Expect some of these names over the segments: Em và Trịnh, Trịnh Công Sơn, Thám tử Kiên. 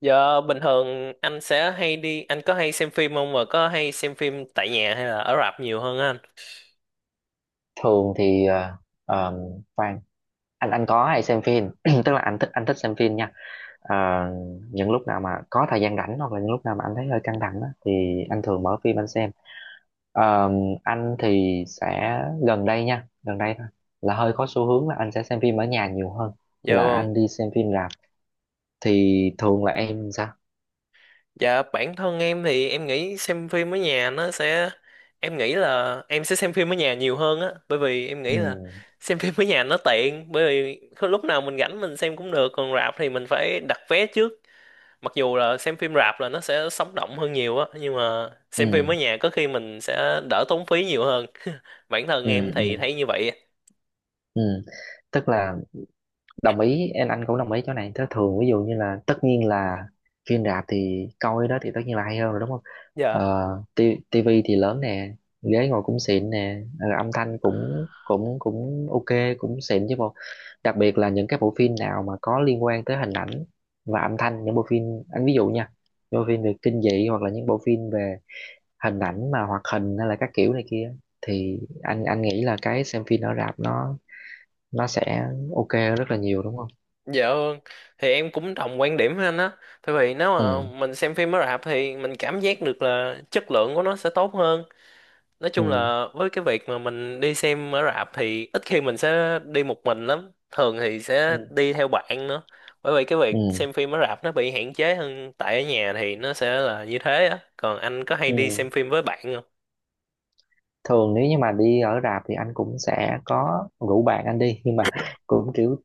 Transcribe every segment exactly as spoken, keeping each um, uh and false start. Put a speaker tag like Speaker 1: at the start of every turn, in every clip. Speaker 1: Giờ bình thường anh sẽ hay đi, anh có hay xem phim không và có hay xem phim tại nhà hay là ở rạp nhiều hơn anh?
Speaker 2: Thường thì ờ, ờ, khoan. Anh anh có hay xem phim, tức là anh thích anh thích xem phim nha. Ờ, những lúc nào mà có thời gian rảnh hoặc là những lúc nào mà anh thấy hơi căng thẳng á, thì anh thường mở phim anh xem. Ờ, anh thì sẽ, gần đây nha, gần đây thôi, là hơi có xu hướng là anh sẽ xem phim ở nhà nhiều hơn
Speaker 1: Dạ
Speaker 2: là
Speaker 1: vâng.
Speaker 2: anh đi xem phim rạp. Thì thường là em sao?
Speaker 1: Dạ bản thân em thì em nghĩ xem phim ở nhà nó sẽ em nghĩ là em sẽ xem phim ở nhà nhiều hơn á, bởi vì em
Speaker 2: Ừ,
Speaker 1: nghĩ là xem phim ở nhà nó tiện, bởi vì có lúc nào mình rảnh mình xem cũng được, còn rạp thì mình phải đặt vé trước. Mặc dù là xem phim rạp là nó sẽ sống động hơn nhiều á, nhưng mà xem phim ở
Speaker 2: ừ,
Speaker 1: nhà có khi mình sẽ đỡ tốn phí nhiều hơn. Bản thân
Speaker 2: ừ,
Speaker 1: em thì
Speaker 2: ừ,
Speaker 1: thấy như vậy á.
Speaker 2: ừ. tức là đồng ý em, anh cũng đồng ý chỗ này. Thế thường ví dụ như là, tất nhiên là phim rạp thì coi đó thì tất nhiên là hay hơn rồi, đúng không?
Speaker 1: Dạ.
Speaker 2: ờ, ti- Tivi thì lớn nè, ghế ngồi cũng xịn nè, ờ, âm thanh cũng cũng cũng ok, cũng xịn chứ bộ. Đặc biệt là những cái bộ phim nào mà có liên quan tới hình ảnh và âm thanh, những bộ phim, anh ví dụ nha, những bộ phim về kinh dị hoặc là những bộ phim về hình ảnh mà hoạt hình hay là các kiểu này kia, thì anh anh nghĩ là cái xem phim ở rạp nó nó sẽ ok hơn rất là nhiều, đúng không?
Speaker 1: Dạ vâng, thì em cũng đồng quan điểm với anh á. Tại vì nếu
Speaker 2: Ừ,
Speaker 1: mà mình xem phim mới rạp thì mình cảm giác được là chất lượng của nó sẽ tốt hơn. Nói chung
Speaker 2: ừ,
Speaker 1: là với cái việc mà mình đi xem ở rạp thì ít khi mình sẽ đi một mình lắm. Thường thì sẽ
Speaker 2: ừ,
Speaker 1: đi theo bạn nữa. Bởi vì cái
Speaker 2: ừ
Speaker 1: việc xem phim ở rạp nó bị hạn chế hơn tại ở nhà thì nó sẽ là như thế á. Còn anh có hay đi
Speaker 2: ừ.
Speaker 1: xem phim với bạn không?
Speaker 2: Thường nếu như mà đi ở rạp thì anh cũng sẽ có rủ bạn anh đi, nhưng mà cũng kiểu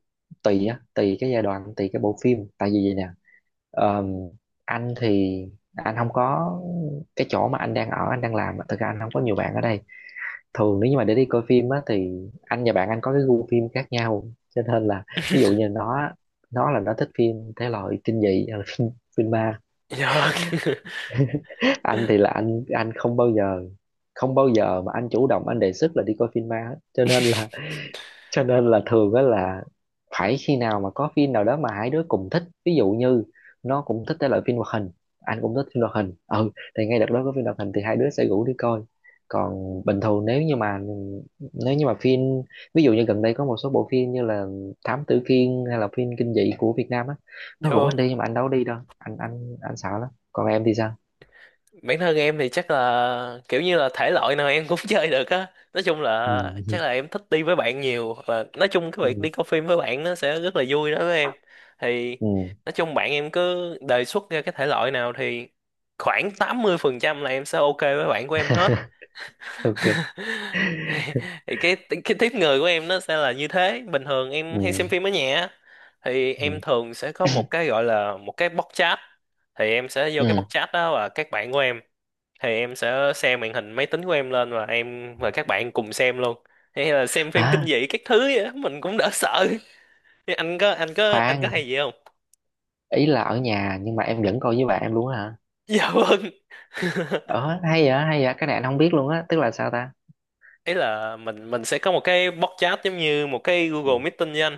Speaker 2: tùy á, tùy cái giai đoạn, tùy cái bộ phim, tại vì vậy nè. Ờm, anh thì anh không có, cái chỗ mà anh đang ở, anh đang làm á, thực ra anh không có nhiều bạn ở đây. Thường nếu như mà để đi coi phim á thì anh và bạn anh có cái gu phim khác nhau, cho nên là ví dụ như nó nó là nó thích phim thể loại kinh dị, ờ, phim, phim ma.
Speaker 1: Dạ vâng.
Speaker 2: Anh thì là anh anh không bao giờ, không bao giờ mà anh chủ động anh đề xuất là đi coi phim ma hết, cho nên là cho nên là thường á là phải khi nào mà có phim nào đó mà hai đứa cùng thích. Ví dụ như nó cũng thích cái loại phim hoạt hình, anh cũng thích phim hoạt hình, ừ, thì ngay đợt đó có phim hoạt hình thì hai đứa sẽ rủ đi coi. Còn bình thường nếu như mà, nếu như mà phim, ví dụ như gần đây có một số bộ phim như là Thám Tử Kiên hay là phim kinh dị của Việt Nam á, nó
Speaker 1: Dạ
Speaker 2: rủ anh
Speaker 1: vâng.
Speaker 2: đi nhưng mà anh đâu có đi đâu, anh anh anh sợ lắm. Còn em thì sao?
Speaker 1: Bản thân em thì chắc là kiểu như là thể loại nào em cũng chơi được á. Nói chung là chắc là em thích đi với bạn nhiều, hoặc là nói chung cái
Speaker 2: Ừ.
Speaker 1: việc đi coi phim với bạn nó sẽ rất là vui đó với em. Thì
Speaker 2: ừ
Speaker 1: nói chung bạn em cứ đề xuất ra cái thể loại nào thì khoảng tám mươi phần trăm là em sẽ ok với bạn của em hết.
Speaker 2: ok.
Speaker 1: thì thì cái cái tiếp người của em nó sẽ là như thế. Bình thường
Speaker 2: Ừ,
Speaker 1: em hay xem phim ở nhà á, thì
Speaker 2: ừ,
Speaker 1: em thường sẽ có một cái gọi là một cái box chat, thì em sẽ vô cái box
Speaker 2: ừ,
Speaker 1: chat đó và các bạn của em, thì em sẽ xem màn hình máy tính của em lên và em và các bạn cùng xem luôn, hay là xem phim kinh
Speaker 2: à,
Speaker 1: dị các thứ vậy á, mình cũng đỡ sợ. Thế anh có anh có anh có
Speaker 2: khoan,
Speaker 1: hay gì không?
Speaker 2: ý là ở nhà nhưng mà em vẫn coi với bạn em luôn á hả?
Speaker 1: Dạ vâng.
Speaker 2: Ờ hay vậy, hay vậy, cái này anh không biết luôn á, tức là sao ta?
Speaker 1: Ấy là mình mình sẽ có một cái box chat giống như một cái Google
Speaker 2: Ừ,
Speaker 1: Meeting với anh.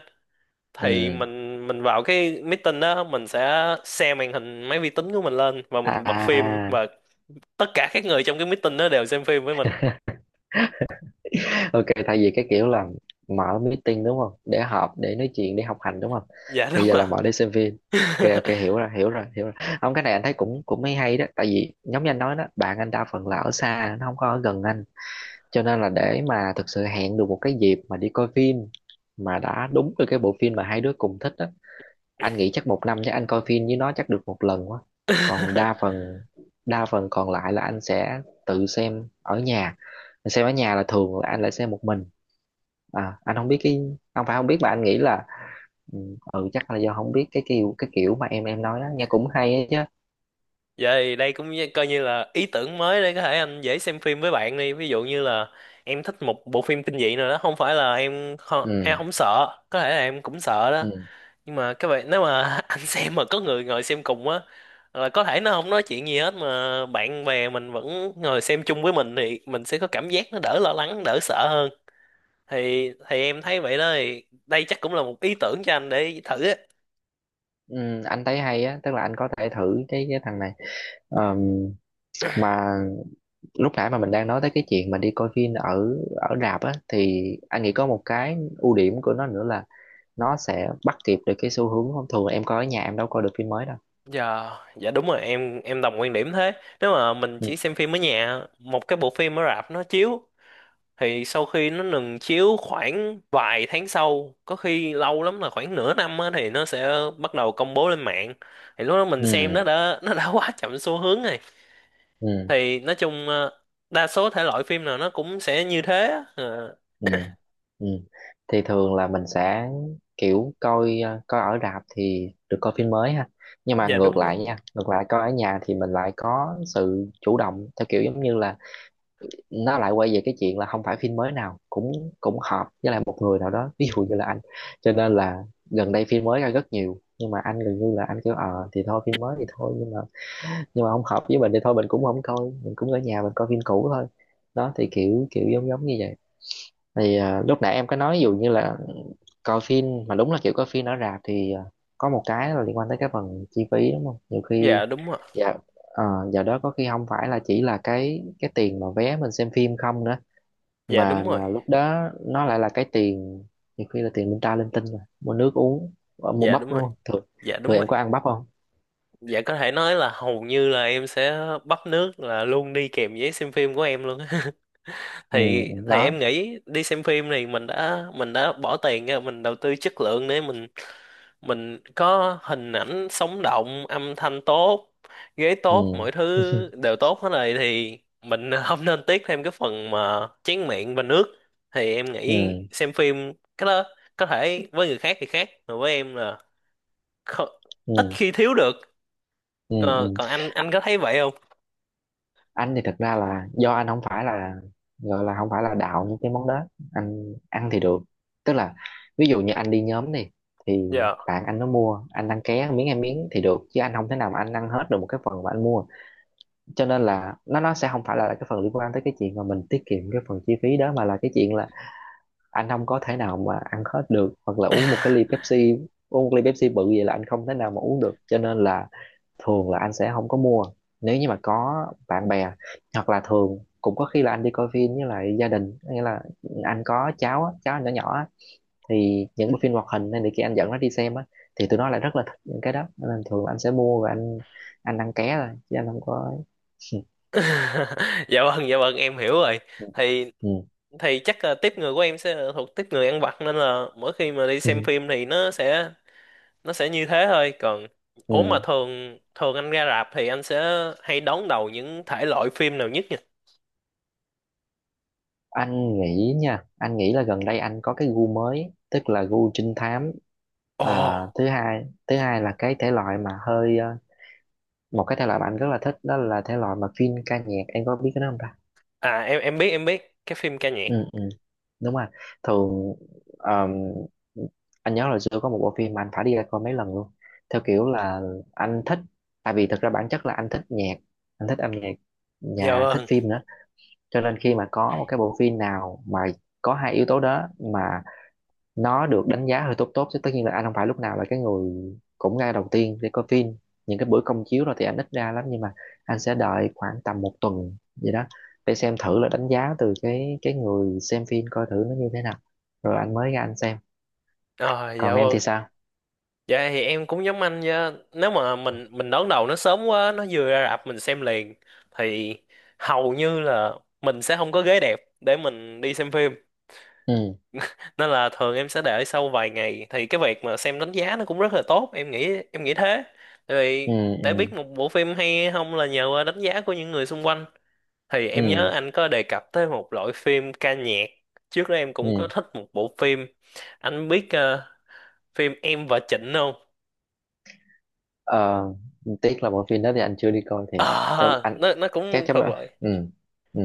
Speaker 1: Thì
Speaker 2: ừ,
Speaker 1: mình mình vào cái meeting đó, mình sẽ share màn hình máy vi tính của mình lên và mình bật phim,
Speaker 2: à,
Speaker 1: và tất cả các người trong cái meeting đó đều xem phim với mình.
Speaker 2: ok, thay vì cái kiểu là mở meeting, đúng không, để họp, để nói chuyện, để học hành, đúng không,
Speaker 1: Dạ
Speaker 2: thì
Speaker 1: đúng
Speaker 2: giờ
Speaker 1: ạ.
Speaker 2: là mở để xem phim. Ok, ok, hiểu rồi hiểu rồi hiểu rồi Không, cái này anh thấy cũng, cũng mới hay đó, tại vì giống như anh nói đó, bạn anh đa phần là ở xa, nó không có ở gần anh, cho nên là để mà thực sự hẹn được một cái dịp mà đi coi phim mà đã đúng được cái bộ phim mà hai đứa cùng thích á, anh nghĩ chắc một năm chắc anh coi phim với nó chắc được một lần quá. Còn đa phần, đa phần còn lại là anh sẽ tự xem ở nhà. Anh xem ở nhà là thường là anh lại xem một mình. À, anh không biết cái, không phải không biết mà anh nghĩ là ừ, ừ chắc là do không biết cái kiểu, cái kiểu mà em em nói đó nghe cũng hay ấy chứ.
Speaker 1: Vậy đây cũng như- coi như là ý tưởng mới để có thể anh dễ xem phim với bạn đi. Ví dụ như là em thích một bộ phim kinh dị nào đó, không phải là em không, em
Speaker 2: Ừ,
Speaker 1: không sợ, có thể là em cũng sợ đó.
Speaker 2: ừ,
Speaker 1: Nhưng mà các bạn nếu mà anh xem mà có người ngồi xem cùng á, là có thể nó không nói chuyện gì hết mà bạn bè mình vẫn ngồi xem chung với mình thì mình sẽ có cảm giác nó đỡ lo lắng, đỡ sợ hơn. Thì thì em thấy vậy đó, thì đây chắc cũng là một ý tưởng cho anh để thử á.
Speaker 2: ừ anh thấy hay á, tức là anh có thể thử cái cái thằng này. Ờm, mà lúc nãy mà mình đang nói tới cái chuyện mà đi coi phim ở, ở rạp á, thì anh nghĩ có một cái ưu điểm của nó nữa là nó sẽ bắt kịp được cái xu hướng. Không, thường em coi ở nhà em đâu coi được phim mới đâu.
Speaker 1: Dạ, dạ đúng rồi, em em đồng quan điểm thế. Nếu mà mình
Speaker 2: Ừ,
Speaker 1: chỉ xem phim ở nhà, một cái bộ phim ở rạp nó chiếu, thì sau khi nó ngừng chiếu khoảng vài tháng sau, có khi lâu lắm là khoảng nửa năm á, thì nó sẽ bắt đầu công bố lên mạng. Thì lúc đó mình xem
Speaker 2: ừ,
Speaker 1: nó đã nó đã quá chậm xu hướng rồi.
Speaker 2: ừ,
Speaker 1: Thì nói chung ờ, đa số thể loại phim nào nó cũng sẽ như thế á. Ờ,
Speaker 2: ừ ừ. Thì thường là mình sẽ kiểu coi, ờ, coi ở rạp thì được coi phim mới ha, nhưng mà
Speaker 1: dạ
Speaker 2: ngược
Speaker 1: đúng rồi.
Speaker 2: lại nha, ngược lại coi ở nhà thì mình lại có sự chủ động theo kiểu giống như là, nó lại quay về cái chuyện là không phải phim mới nào cũng, cũng hợp với lại một người nào đó, ví dụ như là anh, cho nên là gần đây phim mới ra rất nhiều nhưng mà anh gần như là anh kêu ờ thì thôi, phim mới thì thôi, nhưng mà nhưng mà không hợp với mình thì thôi mình cũng không coi, mình cũng ở nhà mình coi phim cũ thôi. Đó thì kiểu kiểu giống giống như vậy. Thì à, lúc nãy em có nói ví dụ như là coi phim mà đúng là kiểu coi phim ở rạp thì à, có một cái là liên quan tới cái phần chi phí, đúng không, nhiều khi,
Speaker 1: Dạ đúng rồi.
Speaker 2: dạ, ờ, giờ đó có khi không phải là chỉ là cái cái tiền mà vé mình xem phim không nữa,
Speaker 1: Dạ đúng
Speaker 2: mà
Speaker 1: rồi.
Speaker 2: mà lúc đó nó lại là cái tiền, nhiều khi là tiền linh ta linh tinh rồi, mua nước uống, ờ, mua
Speaker 1: Dạ
Speaker 2: bắp
Speaker 1: đúng rồi.
Speaker 2: luôn. Thường
Speaker 1: Dạ
Speaker 2: Thường
Speaker 1: đúng rồi.
Speaker 2: em có ăn bắp không?
Speaker 1: Dạ có thể nói là hầu như là em sẽ bắt nước là luôn đi kèm giấy xem phim của em luôn á.
Speaker 2: Ừ,
Speaker 1: thì thì
Speaker 2: đó,
Speaker 1: em nghĩ đi xem phim thì mình đã mình đã bỏ tiền ra mình đầu tư chất lượng để mình mình có hình ảnh sống động, âm thanh tốt, ghế
Speaker 2: ừ
Speaker 1: tốt, mọi thứ đều tốt hết rồi, thì mình không nên tiếc thêm cái phần mà chén miệng và nước. Thì em nghĩ
Speaker 2: ừ,
Speaker 1: xem phim cái đó, có thể với người khác thì khác, mà với em là kho- ít
Speaker 2: ừ,
Speaker 1: khi thiếu được.
Speaker 2: ừ,
Speaker 1: Ờ,
Speaker 2: ừ
Speaker 1: còn anh anh có thấy vậy không?
Speaker 2: anh thì thật ra là do anh không phải là, gọi là không phải là đạo những cái món đó, anh ăn thì được, tức là ví dụ như anh đi nhóm này thì
Speaker 1: Dạ.
Speaker 2: bạn anh nó mua, anh ăn ké miếng, ăn miếng thì được, chứ anh không thể nào mà anh ăn hết được một cái phần mà anh mua, cho nên là nó nó sẽ không phải là cái phần liên quan tới cái chuyện mà mình tiết kiệm cái phần chi phí đó, mà là cái chuyện là anh không có thể nào mà ăn hết được, hoặc là uống một cái ly Pepsi, uống một ly Pepsi bự vậy là anh không thể nào mà uống được, cho nên là thường là anh sẽ không có mua. Nếu như mà có bạn bè, hoặc là thường cũng có khi là anh đi coi phim với lại gia đình, nghĩa là anh có cháu á, cháu anh nhỏ nhỏ á, thì những bộ phim hoạt hình nên thì khi anh dẫn nó đi xem á, thì tụi nó lại rất là thích những cái đó, nên thường là anh sẽ mua và anh anh ăn ké thôi chứ anh không có ấy.
Speaker 1: Dạ vâng, dạ vâng, em hiểu rồi. thì
Speaker 2: Ừ.
Speaker 1: thì chắc là tiếp người của em sẽ là thuộc tiếp người ăn vặt, nên là mỗi khi mà đi
Speaker 2: Ừ.
Speaker 1: xem
Speaker 2: Ừ.
Speaker 1: phim thì nó sẽ, nó sẽ như thế thôi. Còn ốm mà
Speaker 2: Ừ.
Speaker 1: thường thường anh ra rạp thì anh sẽ hay đón đầu những thể loại phim nào nhất nhỉ?
Speaker 2: Anh nghĩ nha, anh nghĩ là gần đây anh có cái gu mới, tức là gu trinh thám.
Speaker 1: Ồ.
Speaker 2: À, thứ hai thứ hai là cái thể loại mà hơi ờ, một cái thể loại mà anh rất là thích, đó là thể loại mà chuyên ca nhạc, em có biết cái đó không ta?
Speaker 1: À, em em biết, em biết cái phim ca nhạc.
Speaker 2: Ừ, ừ. Đúng rồi. Thường um, anh nhớ là xưa có một bộ phim mà anh phải đi ra coi mấy lần luôn, theo kiểu là anh thích, tại vì thực ra bản chất là anh thích nhạc, anh thích âm nhạc
Speaker 1: Dạ
Speaker 2: và thích
Speaker 1: vâng.
Speaker 2: phim nữa, cho nên khi mà có một cái bộ phim nào mà có hai yếu tố đó mà nó được đánh giá hơi tốt tốt chứ, tất nhiên là anh không phải lúc nào là cái người cũng ngay đầu tiên để coi phim, những cái bữa công chiếu rồi thì anh ít ra lắm, nhưng mà anh sẽ đợi khoảng tầm một tuần gì đó để xem thử là đánh giá từ cái cái người xem phim coi thử nó như thế nào, rồi anh mới ra anh xem.
Speaker 1: À,
Speaker 2: Còn
Speaker 1: dạ
Speaker 2: em thì
Speaker 1: vâng.
Speaker 2: sao?
Speaker 1: Dạ thì em cũng giống anh nha. Nếu mà mình mình đón đầu nó sớm quá, nó vừa ra rạp mình xem liền, thì hầu như là mình sẽ không có ghế đẹp để mình đi xem phim.
Speaker 2: ừ
Speaker 1: Nên là thường em sẽ đợi sau vài ngày thì cái việc mà xem đánh giá nó cũng rất là tốt, em nghĩ em nghĩ thế. Tại
Speaker 2: ừ
Speaker 1: vì để
Speaker 2: ừ,
Speaker 1: biết một bộ phim hay hay không là nhờ qua đánh giá của những người xung quanh. Thì em nhớ
Speaker 2: ừ
Speaker 1: anh có đề cập tới một loại phim ca nhạc. Trước đó em
Speaker 2: ừ
Speaker 1: cũng có thích một bộ phim. Anh biết ờ, phim Em và Trịnh không?
Speaker 2: ờ tiếc là bộ phim đó thì anh chưa đi coi thiệt. Thế
Speaker 1: Ờ,
Speaker 2: anh,
Speaker 1: nó nó
Speaker 2: cái
Speaker 1: cũng
Speaker 2: cái
Speaker 1: thuộc loại,
Speaker 2: ừ, ừ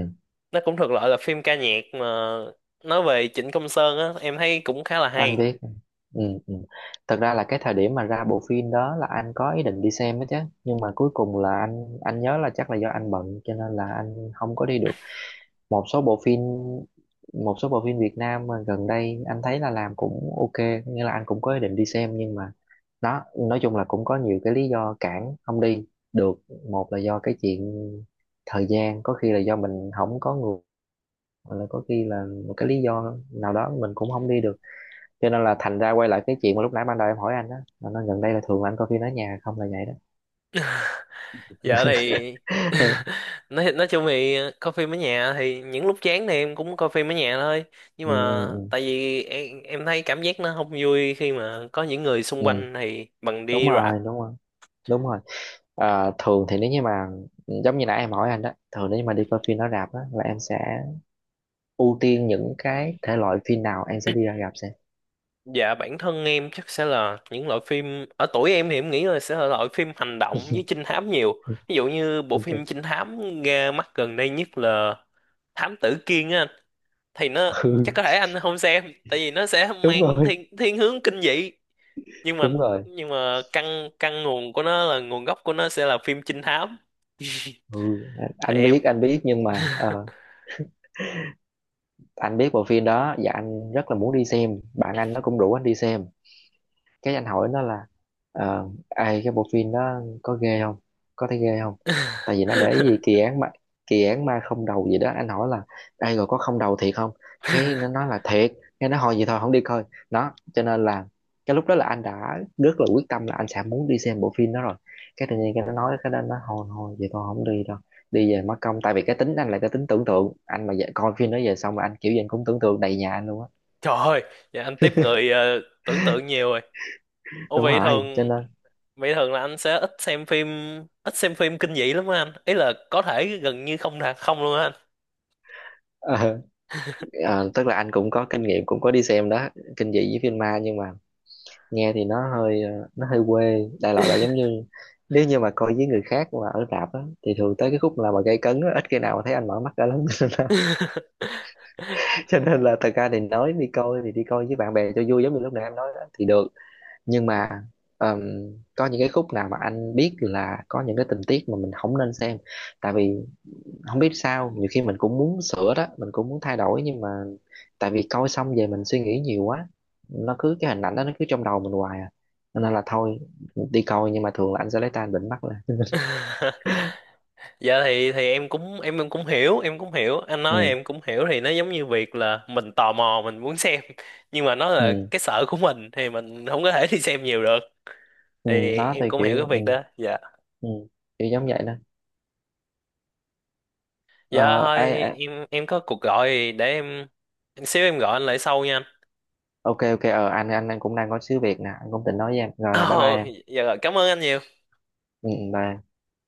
Speaker 1: nó cũng thuộc loại là phim ca nhạc mà nói về Trịnh Công Sơn á, em thấy cũng khá là
Speaker 2: anh
Speaker 1: hay.
Speaker 2: biết. Ừ, ừ. Thật ra là cái thời điểm mà ra bộ phim đó là anh có ý định đi xem đó chứ, nhưng mà cuối cùng là anh anh nhớ là chắc là do anh bận cho nên là anh không có đi được. Một số bộ phim, một số bộ phim Việt Nam mà gần đây anh thấy là làm cũng ok, nghĩa là anh cũng có ý định đi xem, nhưng mà đó, nói chung là cũng có nhiều cái lý do cản không đi được. Một là do cái chuyện thời gian, có khi là do mình không có người, hoặc là có khi là một cái lý do nào đó mình cũng không đi được, cho nên là thành ra quay lại cái chuyện mà lúc nãy ban đầu em hỏi anh đó là nó gần đây là thường là anh coi phim ở nhà không, là vậy đó.
Speaker 1: Giờ thì
Speaker 2: Ừ,
Speaker 1: nói nói chung thì coi phim ở nhà, thì những lúc chán thì em cũng coi phim ở nhà thôi, nhưng
Speaker 2: ừ,
Speaker 1: mà
Speaker 2: ừ.
Speaker 1: tại vì em, em thấy cảm giác nó không vui khi mà có những người xung
Speaker 2: Ừ.
Speaker 1: quanh thì bằng
Speaker 2: Đúng
Speaker 1: đi rạp.
Speaker 2: rồi, đúng rồi đúng rồi À, thường thì nếu như mà, ừ, giống như nãy em hỏi anh đó, thường nếu như mà đi coi phim ở rạp á là em sẽ ưu tiên những cái thể loại phim nào em sẽ đi ra rạp xem.
Speaker 1: Dạ bản thân em chắc sẽ là những loại phim, ở tuổi em thì em nghĩ là sẽ là loại phim hành động với trinh thám nhiều. Ví dụ như bộ
Speaker 2: Ừ, ok.
Speaker 1: phim trinh thám ra mắt gần đây nhất là Thám Tử Kiên á anh, thì nó chắc
Speaker 2: Ừ,
Speaker 1: có thể anh không xem tại vì nó sẽ
Speaker 2: đúng
Speaker 1: mang
Speaker 2: rồi,
Speaker 1: thiên thiên hướng kinh dị, nhưng mà,
Speaker 2: đúng rồi.
Speaker 1: nhưng mà căn căn nguồn của nó, là nguồn gốc của nó sẽ là phim trinh thám.
Speaker 2: Ừ,
Speaker 1: Thì
Speaker 2: anh
Speaker 1: em.
Speaker 2: biết, anh biết, nhưng mà ờ, anh biết bộ phim đó và anh rất là muốn đi xem. Bạn anh nó cũng rủ anh đi xem, cái anh hỏi nó là ờ, ai, cái bộ phim đó có ghê không, có thấy ghê không, tại vì nó để ý gì kỳ án ma, kỳ án ma không đầu gì đó, anh hỏi là ai rồi có không đầu thiệt không, cái nó nói là thiệt, cái nó hồi gì thôi không đi coi. Đó, cho nên là cái lúc đó là anh đã rất là quyết tâm là anh sẽ muốn đi xem bộ phim đó rồi, cái tự nhiên cái nó nói cái đó, nó hồi hồi vậy, thôi không đi đâu, đi về mất công, tại vì cái tính anh là cái tính tưởng tượng, anh mà về, coi phim đó về xong mà anh kiểu gì anh cũng tưởng tượng đầy nhà anh luôn á.
Speaker 1: Trời ơi. Dạ anh tiếp người ờ, tưởng tượng nhiều rồi. Ủa
Speaker 2: Đúng
Speaker 1: vậy
Speaker 2: rồi, cho
Speaker 1: thường
Speaker 2: nên
Speaker 1: Vậy thường là anh sẽ ít xem phim ít xem phim kinh dị lắm á anh, ý là có thể gần như không là không luôn á anh.
Speaker 2: Ờ, tức là anh cũng có kinh nghiệm cũng có đi xem đó, kinh dị với phim ma, nhưng mà nghe thì nó hơi ờ, nó hơi quê, đại loại là giống như nếu như mà coi với người khác mà ở rạp á thì thường tới cái khúc là mà gây cấn á, ít khi nào mà thấy anh mở mắt ra lắm cho nên là, cho nên là thật ra thì nói đi coi thì đi coi với bạn bè cho vui giống như lúc nãy em nói đó, thì được, nhưng mà ờm, có những cái khúc nào mà anh biết là có những cái tình tiết mà mình không nên xem, tại vì không biết sao nhiều khi mình cũng muốn sửa đó, mình cũng muốn thay đổi, nhưng mà tại vì coi xong về mình suy nghĩ nhiều quá, nó cứ cái hình ảnh đó nó cứ trong đầu mình hoài à. Cho nên là thôi, đi coi nhưng mà thường là anh sẽ lấy tay anh bịnh mắt lên.
Speaker 1: Dạ thì thì em cũng, em em cũng hiểu, em cũng hiểu anh nói,
Speaker 2: Ừ,
Speaker 1: em cũng hiểu. Thì nó giống như việc là mình tò mò, mình muốn xem, nhưng mà nó là
Speaker 2: ừ,
Speaker 1: cái sở của mình thì mình không có thể đi xem nhiều được.
Speaker 2: ừ
Speaker 1: Thì
Speaker 2: đó thì
Speaker 1: em cũng hiểu cái
Speaker 2: kiểu ừ,
Speaker 1: việc đó. Dạ.
Speaker 2: ừ kiểu giống vậy đó. Ờ
Speaker 1: Dạ
Speaker 2: ê,
Speaker 1: thôi,
Speaker 2: ê,
Speaker 1: em em có cuộc gọi, để em, xíu em gọi anh lại sau nha anh.
Speaker 2: ok, ok, ờ anh anh anh cũng đang có xíu việc nè, anh cũng định nói với em rồi, bye bye
Speaker 1: Ồ.
Speaker 2: em.
Speaker 1: Dạ rồi, cảm ơn anh nhiều.
Speaker 2: Ừ ừ, bye.